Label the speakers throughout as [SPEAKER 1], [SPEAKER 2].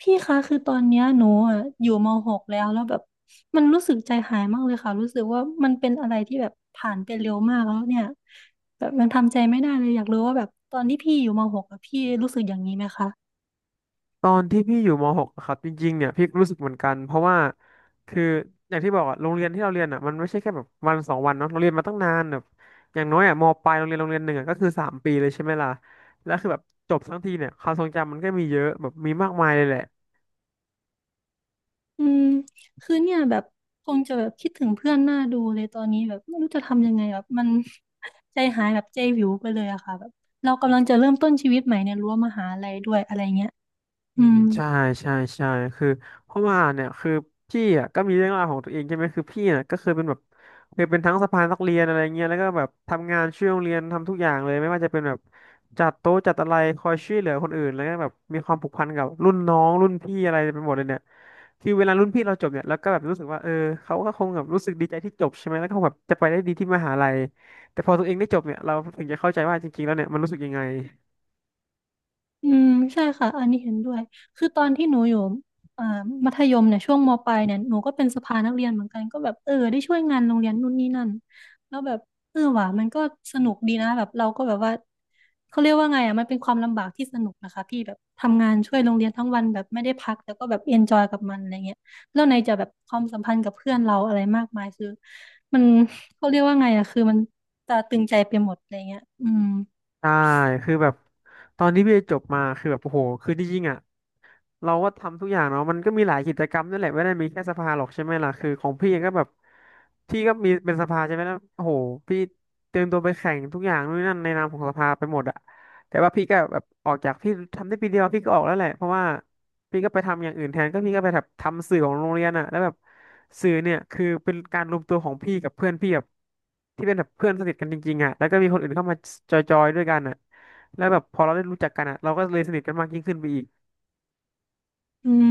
[SPEAKER 1] พี่คะคือตอนเนี้ยหนูอยู่ม .6 แล้วแบบมันรู้สึกใจหายมากเลยค่ะรู้สึกว่ามันเป็นอะไรที่แบบผ่านไปเร็วมากแล้วเนี่ยแบบมันทำใจไม่ได้เลยอยากรู้ว่าแบบตอนที่พี่อยู่ม .6 อะพี่รู้สึกอย่างนี้ไหมคะ
[SPEAKER 2] ตอนที่พี่อยู่ม .6 อะครับจริงๆเนี่ยพี่รู้สึกเหมือนกันเพราะว่าคืออย่างที่บอกอะโรงเรียนที่เราเรียนอะมันไม่ใช่แค่แบบวันสองวันเนาะเราเรียนมาตั้งนานแบบอย่างน้อยอะมปลายโรงเรียนโรงเรียนหนึ่งอะก็คือสามปีเลยใช่ไหมล่ะแล้วคือแบบจบทั้งทีเนี่ยความทรงจำมันก็มีเยอะแบบมีมากมายเลยแหละ
[SPEAKER 1] อืมคือเนี่ยแบบคงจะแบบคิดถึงเพื่อนหน้าดูเลยตอนนี้แบบไม่รู้จะทำยังไงแบบมัน ใจหายแบบใจวิวไปเลยอะค่ะแบบเรากำลังจะเริ่มต้นชีวิตใหม่ในรั้วมหาลัยด้วยอะไรเงี้ย
[SPEAKER 2] อื
[SPEAKER 1] อื
[SPEAKER 2] ม
[SPEAKER 1] ม
[SPEAKER 2] ใช่ใช่ใช่คือเพราะว่าเนี่ยคือพี่อ่ะก็มีเรื่องราวของตัวเองใช่ไหมคือพี่อ่ะก็เคยเป็นแบบเคยเป็นทั้งสะพานนักเรียนอะไรเงี้ยแล้วก็แบบทำงานช่วยโรงเรียนทำทุกอย่างเลยไม่ว่าจะเป็นแบบจัดโต๊ะจัดอะไรคอยช่วยเหลือคนอื่นแล้วก็แบบมีความผูกพันกับรุ่นน้องรุ่นพี่อะไรไปหมดเลยเนี่ยคือเวลารุ่นพี่เราจบเนี่ยเราก็แบบรู้สึกว่าเออเขาก็คงแบบรู้สึกดีใจที่จบใช่ไหมแล้วก็คงแบบจะไปได้ดีที่มหาลัยแต่พอตัวเองได้จบเนี่ยเราถึงจะเข้าใจว่าจริงๆแล้วเนี่ยมันรู้สึกยังไง
[SPEAKER 1] อืมใช่ค่ะอันนี้เห็นด้วยคือตอนที่หนูอยู่อ่อมัธยมเนี่ยช่วงมปลายเนี่ยหนูก็เป็นสภานักเรียนเหมือนกันก็แบบเออได้ช่วยงานโรงเรียนนู่นนี่นั่นแล้วแบบเออว่ะมันก็สนุกดีนะแบบเราก็แบบว่าเขาเรียกว่าไงอ่ะมันเป็นความลำบากที่สนุกนะคะพี่แบบทำงานช่วยโรงเรียนทั้งวันแบบไม่ได้พักแต่ก็แบบเอนจอยกับมันอะไรเงี้ยแล้วในจะแบบความสัมพันธ์กับเพื่อนเราอะไรมากมายคือมันเขาเรียกว่าไงอ่ะคือมันตราตรึงใจไปหมดอะไรเงี้ยอืม
[SPEAKER 2] ใช่ คือแบบตอนที่พี่จบมา คือแบบโอ้โหคือจริงๆอ่ะ เราก็ทำทุกอย่างเนาะมันก็มีหลายกิจกรรมนั่นแหละไม่ได้มีแค่สภาหรอกใช่ไหมล่ะคือของพี่เองก็แบบพี่ก็มีเป็นสภาใช่ไหมแล้วโอ้โหพี่เตรียมตัวไปแข่งทุกอย่างนู่นนนั่นในนามของสภาไปหมดอะแต่ว่าพี่ก็แบบออกจากพี่ทำได้ปีเดียวพี่ก็ออกแล้วแหละเพราะว่าพี่ก็ไปทำอย่างอื่นแทนก็พี่ก็ไปแบบทำสื่อของโรงเรียนอะแล้วแบบสื่อเนี่ยคือเป็นการรวมตัวของพี่กับเพื่อนพี่แบบที่เป็นแบบเพื่อนสนิทกันจริงๆอะแล้วก็มีคนอื่นเข้ามาจอยๆด้วยกันอะแล้วแบบพอเราได้รู้จักกันอะเราก็เลยสนิทกันมากยิ่งขึ้นไปอีก
[SPEAKER 1] อืม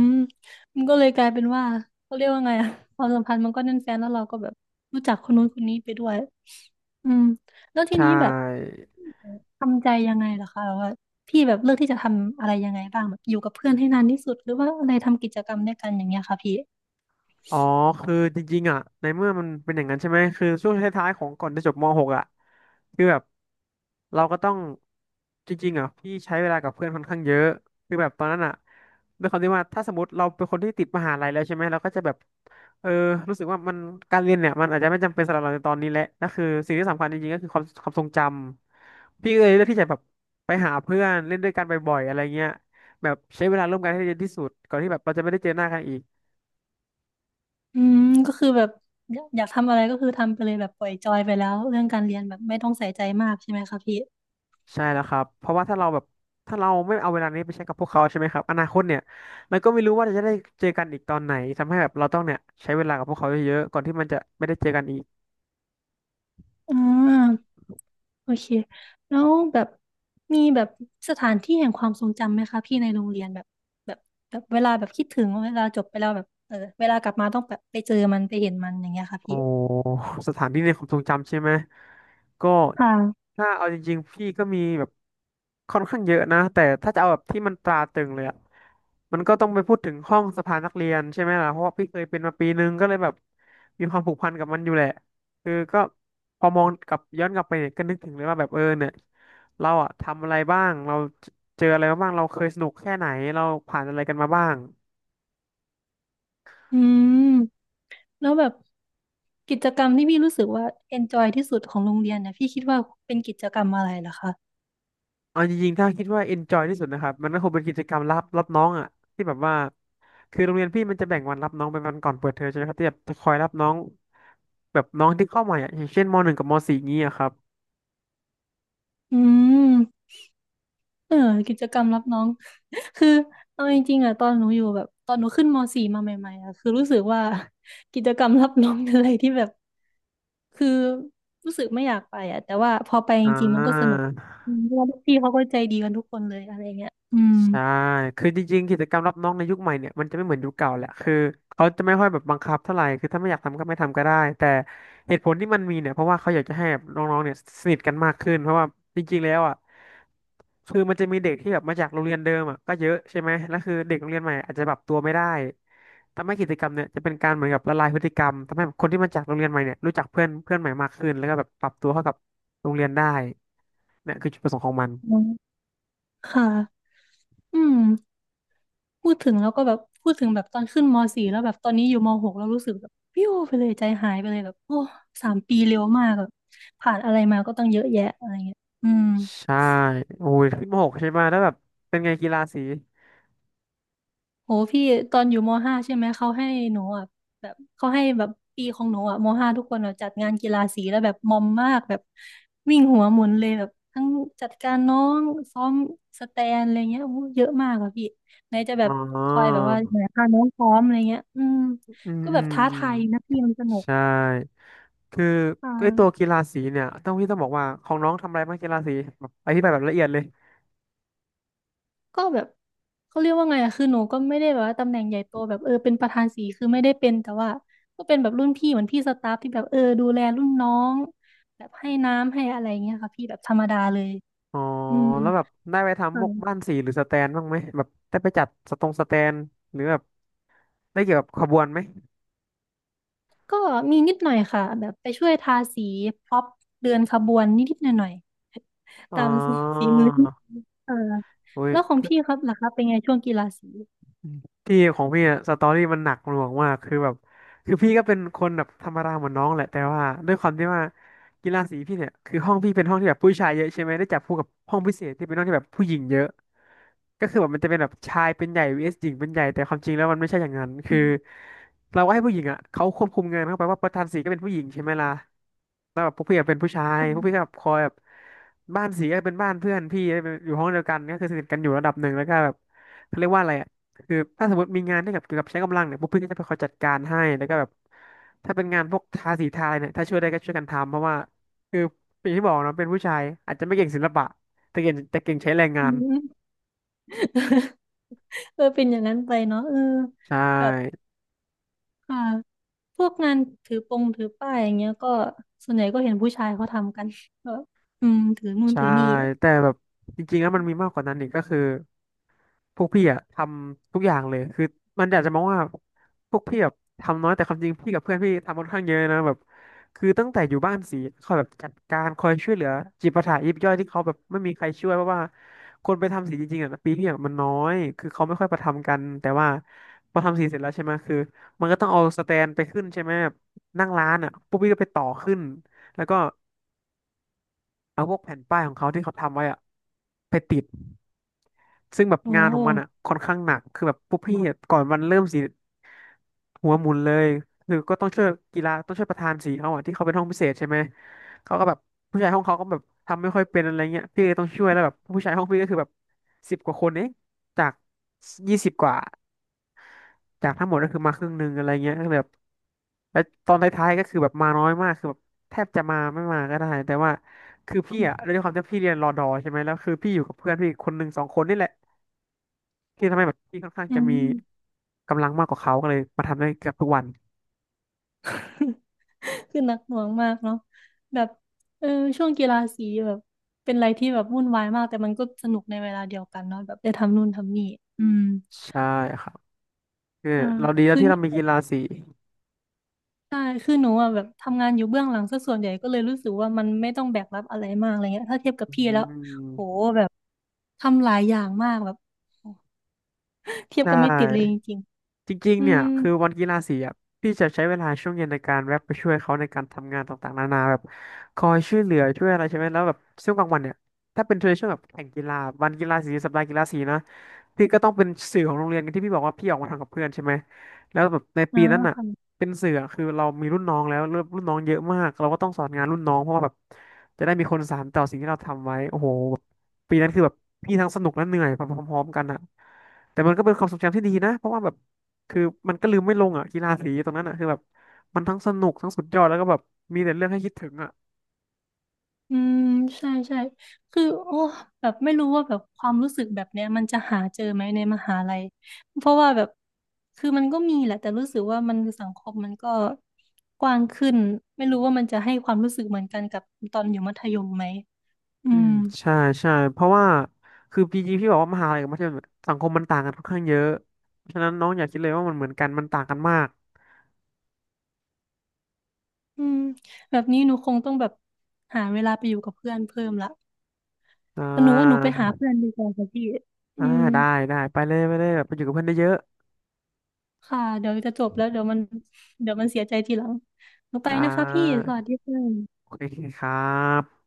[SPEAKER 1] มันก็เลยกลายเป็นว่าเขาเรียกว่าไงอะความสัมพันธ์มันก็แน่นแฟ้นแล้วเราก็แบบรู้จักคนนู้นคนนี้ไปด้วยอืมแล้วที
[SPEAKER 2] ใช่
[SPEAKER 1] นี้แบบทำใจยังไงล่ะคะแบบว่าพี่แบบเลือกที่จะทำอะไรยังไงบ้างแบบอยู่กับเพื่อนให้นานที่สุดหรือว่าอะไรทำกิจกรรมด้วยกันอย่างเงี้ยค่ะพี่
[SPEAKER 2] อ๋อ คือจริงๆอ่ะ ในเมื่อมันเป็นอย่างนั้นใช่ไหมคือช่วงท้ายๆของก่อนจะจบม .6 อ่ะคือแบบเราก็ต้องจริงๆอ่ะพี่ใช้เวลากับเพื่อนค่อนข้างเยอะคือแบบตอนนั้นอ่ะด้วยความที่ว่าถ้าสมมติเราเป็นคนที่ติดมหาลัยแล้วใช่ไหมเราก็จะแบบเออรู้สึกว่ามันการเรียนเนี่ยมันอาจจะไม่จำเป็นสำหรับเราในตอนนี้แหละนั่นคือสิ่งที่สำคัญจริงๆก็คือความทรงจำพี่ก็เลยเลือกที่จะแบบไปหาเพื่อนเล่นด้วยกันบ่อยๆอะไรเงี้ยแบบใช้เวลาร่วมกันให้เยอะที่สุดก่อนที่แบบเราจะไม่ได้เจอหน้ากันอีก
[SPEAKER 1] อืมก็คือแบบอยากทำอะไรก็คือทำไปเลยแบบปล่อยจอยไปแล้วเรื่องการเรียนแบบไม่ต้องใส่ใจมากใช่ไหมคะพี่
[SPEAKER 2] ใช่แล้วครับเพราะว่าถ้าเราไม่เอาเวลานี้ไปใช้กับพวกเขาใช่ไหมครับอนาคตเนี่ยเราก็ไม่รู้ว่าจะได้เจอกันอีกตอนไหนทำให้แบบเราต้องเนี่ยใช้เวลากับพวกเขาเยอะๆก่อนที่มันจะไม่ได้เจอกันอีก
[SPEAKER 1] อืม โอเค แล้วแบบมีแบบสถานที่แห่งความทรงจำไหมคะพี่ในโรงเรียนแบบแบบแบบเวลาแบบคิดถึงเวลาจบไปแล้วแบบเออเวลากลับมาต้องแบบไปเจอมันไปเห็นมันอย่างเงี้ยค่ะ
[SPEAKER 2] โอ้
[SPEAKER 1] พี่
[SPEAKER 2] สถานที่ในความทรงจำใช่ไหมก็
[SPEAKER 1] ค่ะ
[SPEAKER 2] ถ้าเอาจริงๆพี่ก็มีแบบค่อนข้างเยอะนะแต่ถ้าจะเอาแบบที่มันตราตรึงเลยอะมันก็ต้องไปพูดถึงห้องสภานักเรียนใช่ไหมล่ะเพราะว่าพี่เคยเป็นมาปีนึงก็เลยแบบมีความผูกพันกับมันอยู่แหละคือก็พอมองกลับย้อนกลับไปเนี่ยก็นึกถึงเลยว่าแบบเออเนี่ยเราอะทำอะไรบ้างเราเจออะไรมาบ้างเราเคยสนุกแค่ไหนเราผ่านอะไรกันมาบ้าง
[SPEAKER 1] อืม แล้วแบบกิจกรรมที่พี่รู้สึกว่า enjoy ที่สุดของโรงเรียนเนี่ยพี่คิดว่าเป็นกิจกรรมอะไรเหรอคะ
[SPEAKER 2] เอาจริงๆถ้าคิดว่า enjoy ที่สุดนะครับมันก็คงเป็นกิจกรรมรับน้องอ่ะที่แบบว่าคือโรงเรียนพี่มันจะแบ่งวันรับน้องเป็นวันก่อนเปิดเทอมใช่ไหมครับที่แบบจะคอยรับน้องแบบน้องที่เข้าใหม่อ่ะอย่างเช่นมหนึ่งกับมสี่อย่างนี้อะครับ
[SPEAKER 1] อืม เออกิจกรรมรับน้อง คือเอาจริงๆอะตอนหนูอยู่แบบตอนหนูขึ้นมสี่มาใหม่ๆอะคือรู้สึกว่า กิจกรรมรับน้องเป็นอะไรที่แบบคือรู้สึกไม่อยากไปอะแต่ว่าพอไปจ
[SPEAKER 2] อ่า
[SPEAKER 1] ริงๆมันก็สนุกอืมเพราะว่าพี่เขาก็ใจดีกันทุกคนเลยอะไรเงี้ยอืม
[SPEAKER 2] ใช่คือจริงๆกิจกรรมรับน้องในยุคใหม่เนี่ยมันจะไม่เหมือนยุคเก่าแหละคือเขาจะไม่ค่อยแบบบังคับเท่าไหร่คือถ้าไม่อยากทำก็ไม่ทำก็ได้แต่เหตุผลที่มันมีเนี่ยเพราะว่าเขาอยากจะให้แบบน้องๆเนี่ยสนิทกันมากขึ้นเพราะว่าจริงๆแล้วอ่ะคือมันจะมีเด็กที่แบบมาจากโรงเรียนเดิมอ่ะก็เยอะใช่ไหมแล้วคือเด็กโรงเรียนใหม่อาจจะปรับตัวไม่ได้ทำให้กิจกรรมเนี่ยจะเป็นการเหมือนกับละลายพฤติกรรมทำให้คนที่มาจากโรงเรียนใหม่เนี่ยรู้จักเพื่อนเพื่อนใหม่มากขึ้นแล้วก็แบบปรับตัวเข้ากับโรงเรียนได้เนี่ยคือจุดประสงค์ของมัน
[SPEAKER 1] อืมค่ะอืมพูดถึงแล้วก็แบบพูดถึงแบบตอนขึ้นมสี่แล้วแบบตอนนี้อยู่ม .6 แล้วรู้สึกแบบปิ้วไปเลยใจหายไปเลยแบบโอ้3 ปีเร็วมากแบบผ่านอะไรมาก็ต้องเยอะแยะอะไรเงี้ยอืม
[SPEAKER 2] ใช่โอ้ยขึ้นมหกใช่ไหมแล้วแบบเป็นไงกีฬาสี
[SPEAKER 1] โหพี่ตอนอยู่มห้าใช่ไหมเขาให้หนูอ่ะแบบเขาให้แบบปีของหนูอ่ะมห้าทุกคนอะจัดงานกีฬาสีแล้วแบบมอมมากแบบวิ่งหัวหมุนเลยแบบทั้งจัดการน้องซ้อมสแตนอะไรเงี้ยโอ้โหเยอะมากอ่ะพี่ไหนจะแบ
[SPEAKER 2] อ๋
[SPEAKER 1] บคอยแบ
[SPEAKER 2] อ
[SPEAKER 1] บว่าไหนพาน้องซ้อมอะไรเงี้ยอืม
[SPEAKER 2] อืมอืม
[SPEAKER 1] ก็แบบท้า
[SPEAKER 2] อืม
[SPEAKER 1] ทายนะพี่มันสนุก
[SPEAKER 2] ใช่ คือ
[SPEAKER 1] อ่
[SPEAKER 2] ไอตัว
[SPEAKER 1] า
[SPEAKER 2] กีฬาสีเนี่ยต้องพี่ต้องบอกว่าของน้องทำอะไรบ้างกีฬาสีแบบอธิบายแบบละเอียดเลย
[SPEAKER 1] ก็แบบเขาเรียกว่าไงอะคือหนูก็ไม่ได้แบบว่าตำแหน่งใหญ่โตแบบเออเป็นประธานสีคือไม่ได้เป็นแต่ว่าก็เป็นแบบรุ่นพี่เหมือนพี่สตาฟที่แบบเออดูแลรุ่นน้องแบบให้น้ำให้อะไรเงี้ยค่ะพี่แบบธรรมดาเลย
[SPEAKER 2] อ๋อ
[SPEAKER 1] อืม
[SPEAKER 2] แล้วแบบได้ไปทำพวกบ้าน
[SPEAKER 1] ค่ะ
[SPEAKER 2] สีหรือสแตนบ้างไหมแบบได้ไปจัดสตรงสแตนหรือแบบได้เกี่ยวกับขบวนไหม
[SPEAKER 1] ก็มีนิดหน่อยค่ะแบบไปช่วยทาสีพ็อปเดินขบวนนิดๆหน่อยๆ
[SPEAKER 2] อ๋อ
[SPEAKER 1] ตามฝีมือที่เออ
[SPEAKER 2] อุ้ย
[SPEAKER 1] แล้วของพี่ครับล่ะครับเป็นไงช่วงกีฬาสี
[SPEAKER 2] พี่ของพี่อะสตอรี่มันหนักหน่วงมากคือแบบคือพี่ก็เป็นคนแบบธรรมดาเหมือนน้องแหละแต่ว่าด้วยความที่ว่ากีฬาสีพี่เนี่ยคือห้องพี่เป็นห้องที่แบบผู้ชายเยอะใช่ไหมได้จับคู่กับห้องพิเศษที่เป็นห้องที่แบบผู้หญิงเยอะ ก็คือแบบมันจะเป็นแบบชายเป็นใหญ่ vs หญิงเป็นใหญ่แต่ความจริงแล้วมันไม่ใช่อย่างนั้น
[SPEAKER 1] อื
[SPEAKER 2] คือ
[SPEAKER 1] ม
[SPEAKER 2] เราก็ให้ผู้หญิงอ่ะเขาควบคุมงานเข้าไปว่าประธานสีก็เป็นผู้หญิงใช่ไหมล่ะแล้วแบบพวกพี่อะเป็นผู้ชายพวกพี่ก็
[SPEAKER 1] ค่ะ
[SPEAKER 2] แบบคอยแบบบ้านสีก็เป็นบ้านเพื่อนพี่อยู่ห้องเดียวกันก็คือสนิทกันอยู่ระดับหนึ่งแล้วก็แบบเขาเรียกว่าอะไรอ่ะคือถ้าสมมติมีงานที่แบบเกี่ยวกับใช้กำลังเนี่ยพวกพี่ก็จะไปคอยจัดการให้แล้วก็แบบถ้าเป็นงานพวกทาสีทาอะไรเนี่ยถ้าช่วยได้ก็ช่วยกันทำเพราะว่าคืออย่างที่บอกเนาะเป็นผู้ชายอาจจะไม่เก่งศิลปะแต่เก่งใช้แรงงา
[SPEAKER 1] อื
[SPEAKER 2] น
[SPEAKER 1] ม เออเป็นอย่างนั้นไปเนาะเออ
[SPEAKER 2] ใช่
[SPEAKER 1] แบบ ค่ะพวกงานถือปงถือป้ายอย่างเงี้ยก็ส่วนใหญ่ก็เห็นผู้ชายเขาทำกันก็อืมถือนู่น
[SPEAKER 2] ใช่
[SPEAKER 1] ถือนี่
[SPEAKER 2] แต่แบบจริงๆแล้วมันมีมากกว่านั้นอีกก็คือพวกพี่อะทำทุกอย่างเลยคือมันอยากจะมองว่าพวกพี่แบบทำน้อยแต่ความจริงพี่กับเพื่อนพี่ทำค่อนข้างเยอะนะแบบคือตั้งแต่อยู่บ้านสีคอยแบบจัดการคอยช่วยเหลือจิปาถะยิบย่อยที่เขาแบบไม่มีใครช่วยเพราะว่าคนไปทำสีจริงๆอะปีพี่อะมันน้อยคือเขาไม่ค่อยประทำกันแต่ว่าพอทำสีเสร็จแล้วใช่ไหมคือมันก็ต้องเอาสแตนไปขึ้นใช่ไหมนั่งร้านอะพวกพี่ก็ไปต่อขึ้นแล้วก็เอาพวกแผ่นป้ายของเขาที่เขาทำไว้อะ ไปติด ซึ่งแบบ
[SPEAKER 1] โอ้
[SPEAKER 2] งานของมันอ่ะค่อนข้างหนักคือแบบพวกพี่อะก่อนวันเริ่มสิหัวหมุนเลยคือก็ต้องช่วยกีฬาต้องช่วยประธานสีเขาอ่ะที่เขาเป็นห้องพิเศษใช่ไหมเขาก็แบบผู้ชายห้องเขาก็แบบทำไม่ค่อยเป็นอะไรเงี้ยพี่เลยต้องช่วยแล้วแบบผู้ชายห้องพี่ก็คือแบบสิบกว่าคนเองจากยี่สิบกว่าจากทั้งหมดก็คือมาครึ่งหนึ่งอะไรเงี้ยก็เลยแบบแล้วตอนท้ายๆก็คือแบบมาน้อยมากคือแบบแทบจะมาไม่มาก็ได้แต่ว่าคือพี่อ่ะด้วยความที่พี่เรียนรอดอใช่ไหมแล้วคือพี่อยู่กับเพื่อนพี่ีคนหนึ่งสองคนนี่แหละ ที่ทำให้แบบพี่ค่อนข้าง
[SPEAKER 1] อื
[SPEAKER 2] จะมี
[SPEAKER 1] ม
[SPEAKER 2] กำลังมากกว่าเขาก็เลยมาทำได้เกือบทุกวัน
[SPEAKER 1] คือหนักหน่วงมากเนาะแบบเออช่วงกีฬาสีแบบเป็นอะไรที่แบบวุ่นวายมากแต่มันก็สนุกในเวลาเดียวกันเนาะแบบได้ทำนู่นทำนี่อืม
[SPEAKER 2] ใช่ครับคือ
[SPEAKER 1] อ่า
[SPEAKER 2] เราดีแล้ว
[SPEAKER 1] คือ
[SPEAKER 2] ที่เรา
[SPEAKER 1] นี่
[SPEAKER 2] มีกีฬาสี
[SPEAKER 1] ใช่คือหนูอ่ะแบบทำงานอยู่เบื้องหลังซะส่วนใหญ่ก็เลยรู้สึกว่ามันไม่ต้องแบกรับอะไรมากอะไรเงี้ยถ้าเทียบกับ
[SPEAKER 2] อื
[SPEAKER 1] พี่แล้วโห
[SPEAKER 2] ม
[SPEAKER 1] แบบทำหลายอย่างมากแบบโห เที
[SPEAKER 2] ใช
[SPEAKER 1] ยบกันไม่ติดเลยจ
[SPEAKER 2] ่
[SPEAKER 1] ริง
[SPEAKER 2] จริง
[SPEAKER 1] ๆ
[SPEAKER 2] ๆ
[SPEAKER 1] อื
[SPEAKER 2] เนี่ย
[SPEAKER 1] ม
[SPEAKER 2] คือวันกีฬาสีอ่ะพี่จะใช้เวลาช่วงเย็นในการแวะไปช่วยเขาในการทำงานต่างๆนานาแบบคอยช่วยเหลือช่วยอะไรใช่ไหม แล้วแบบช่วงกลางวันเนี่ย ถ้าเป็นช่วงแบบแข่งกีฬาวันกีฬาสีสัปดาห์กีฬาสีนะพี่ก็ต้องเป็นสื่อของโรงเรียนที่พี่บอกว่าพี่ออกมาทำกับเพื่อนใช่ไหม แล้วแบบใน
[SPEAKER 1] อ๋
[SPEAKER 2] ปี
[SPEAKER 1] อ
[SPEAKER 2] นั้นอ่ะ
[SPEAKER 1] ค่ะ
[SPEAKER 2] เป็นสื่ออะคือเรามีรุ่นน้องแล้วรุ่นน้องเยอะมากเราก็ต้องสอนงานรุ่นน้องเพราะว่าแบบจะได้มีคนสานต่อสิ่งที่เราทำไว้โอ้โหแบบปีนั้นคือแบบพี่ทั้งสนุกและเหนื่อยพร้อมๆกันอ่ะแต่มันก็เป็นความทรงจำที่ดีนะเพราะว่าแบบ คือมันก็ลืมไม่ลงอ่ะกีฬาสีตรงนั้นอ่ะคือแบบมันทั้งสนุกทั้งสุดยอดแล้วก็แบบมีแต่เรื่องให้คิดถึงอ่ะ
[SPEAKER 1] อืมใช่ใช่คือโอ้แบบไม่รู้ว่าแบบความรู้สึกแบบเนี้ยมันจะหาเจอไหมในมหาลัยเพราะว่าแบบคือมันก็มีแหละแต่รู้สึกว่ามันสังคมมันก็กว้างขึ้นไม่รู้ว่ามันจะให้ความรู้สึกเหมือนกันกับตอนอยู่มัธยมไหมอื
[SPEAKER 2] อื
[SPEAKER 1] ม
[SPEAKER 2] มใช่ใช่เพราะว่าคือพีจีพี่บอกว่ามหาลัยกับมัธยมสังคมมันต่างกันค่อนข้างเยอะฉะนั้นน้องอย่าคิดเลยว่ามันเหมือนกันมันต่างกันมาก
[SPEAKER 1] อืมแบบนี้หนูคงต้องแบบหาเวลาไปอยู่กับเพื่อนเพิ่มละ
[SPEAKER 2] อ่
[SPEAKER 1] แต่หนูว่าหนูไป
[SPEAKER 2] า
[SPEAKER 1] หาเพื่อนดีกว่าค่ะพี่อื
[SPEAKER 2] อ่า
[SPEAKER 1] ม
[SPEAKER 2] ได้ได้ไปเลยไปเลยแบบไปอยู่กับเพื่อนได้เยอะ
[SPEAKER 1] ค่ะเดี๋ยวจะจบแล้วเดี๋ยวมันเดี๋ยวมันเสียใจทีหลังหนู
[SPEAKER 2] ๆ
[SPEAKER 1] ไป
[SPEAKER 2] ได
[SPEAKER 1] นะคะพี่
[SPEAKER 2] ้
[SPEAKER 1] สวัสดีค่ะ
[SPEAKER 2] โอเคครับ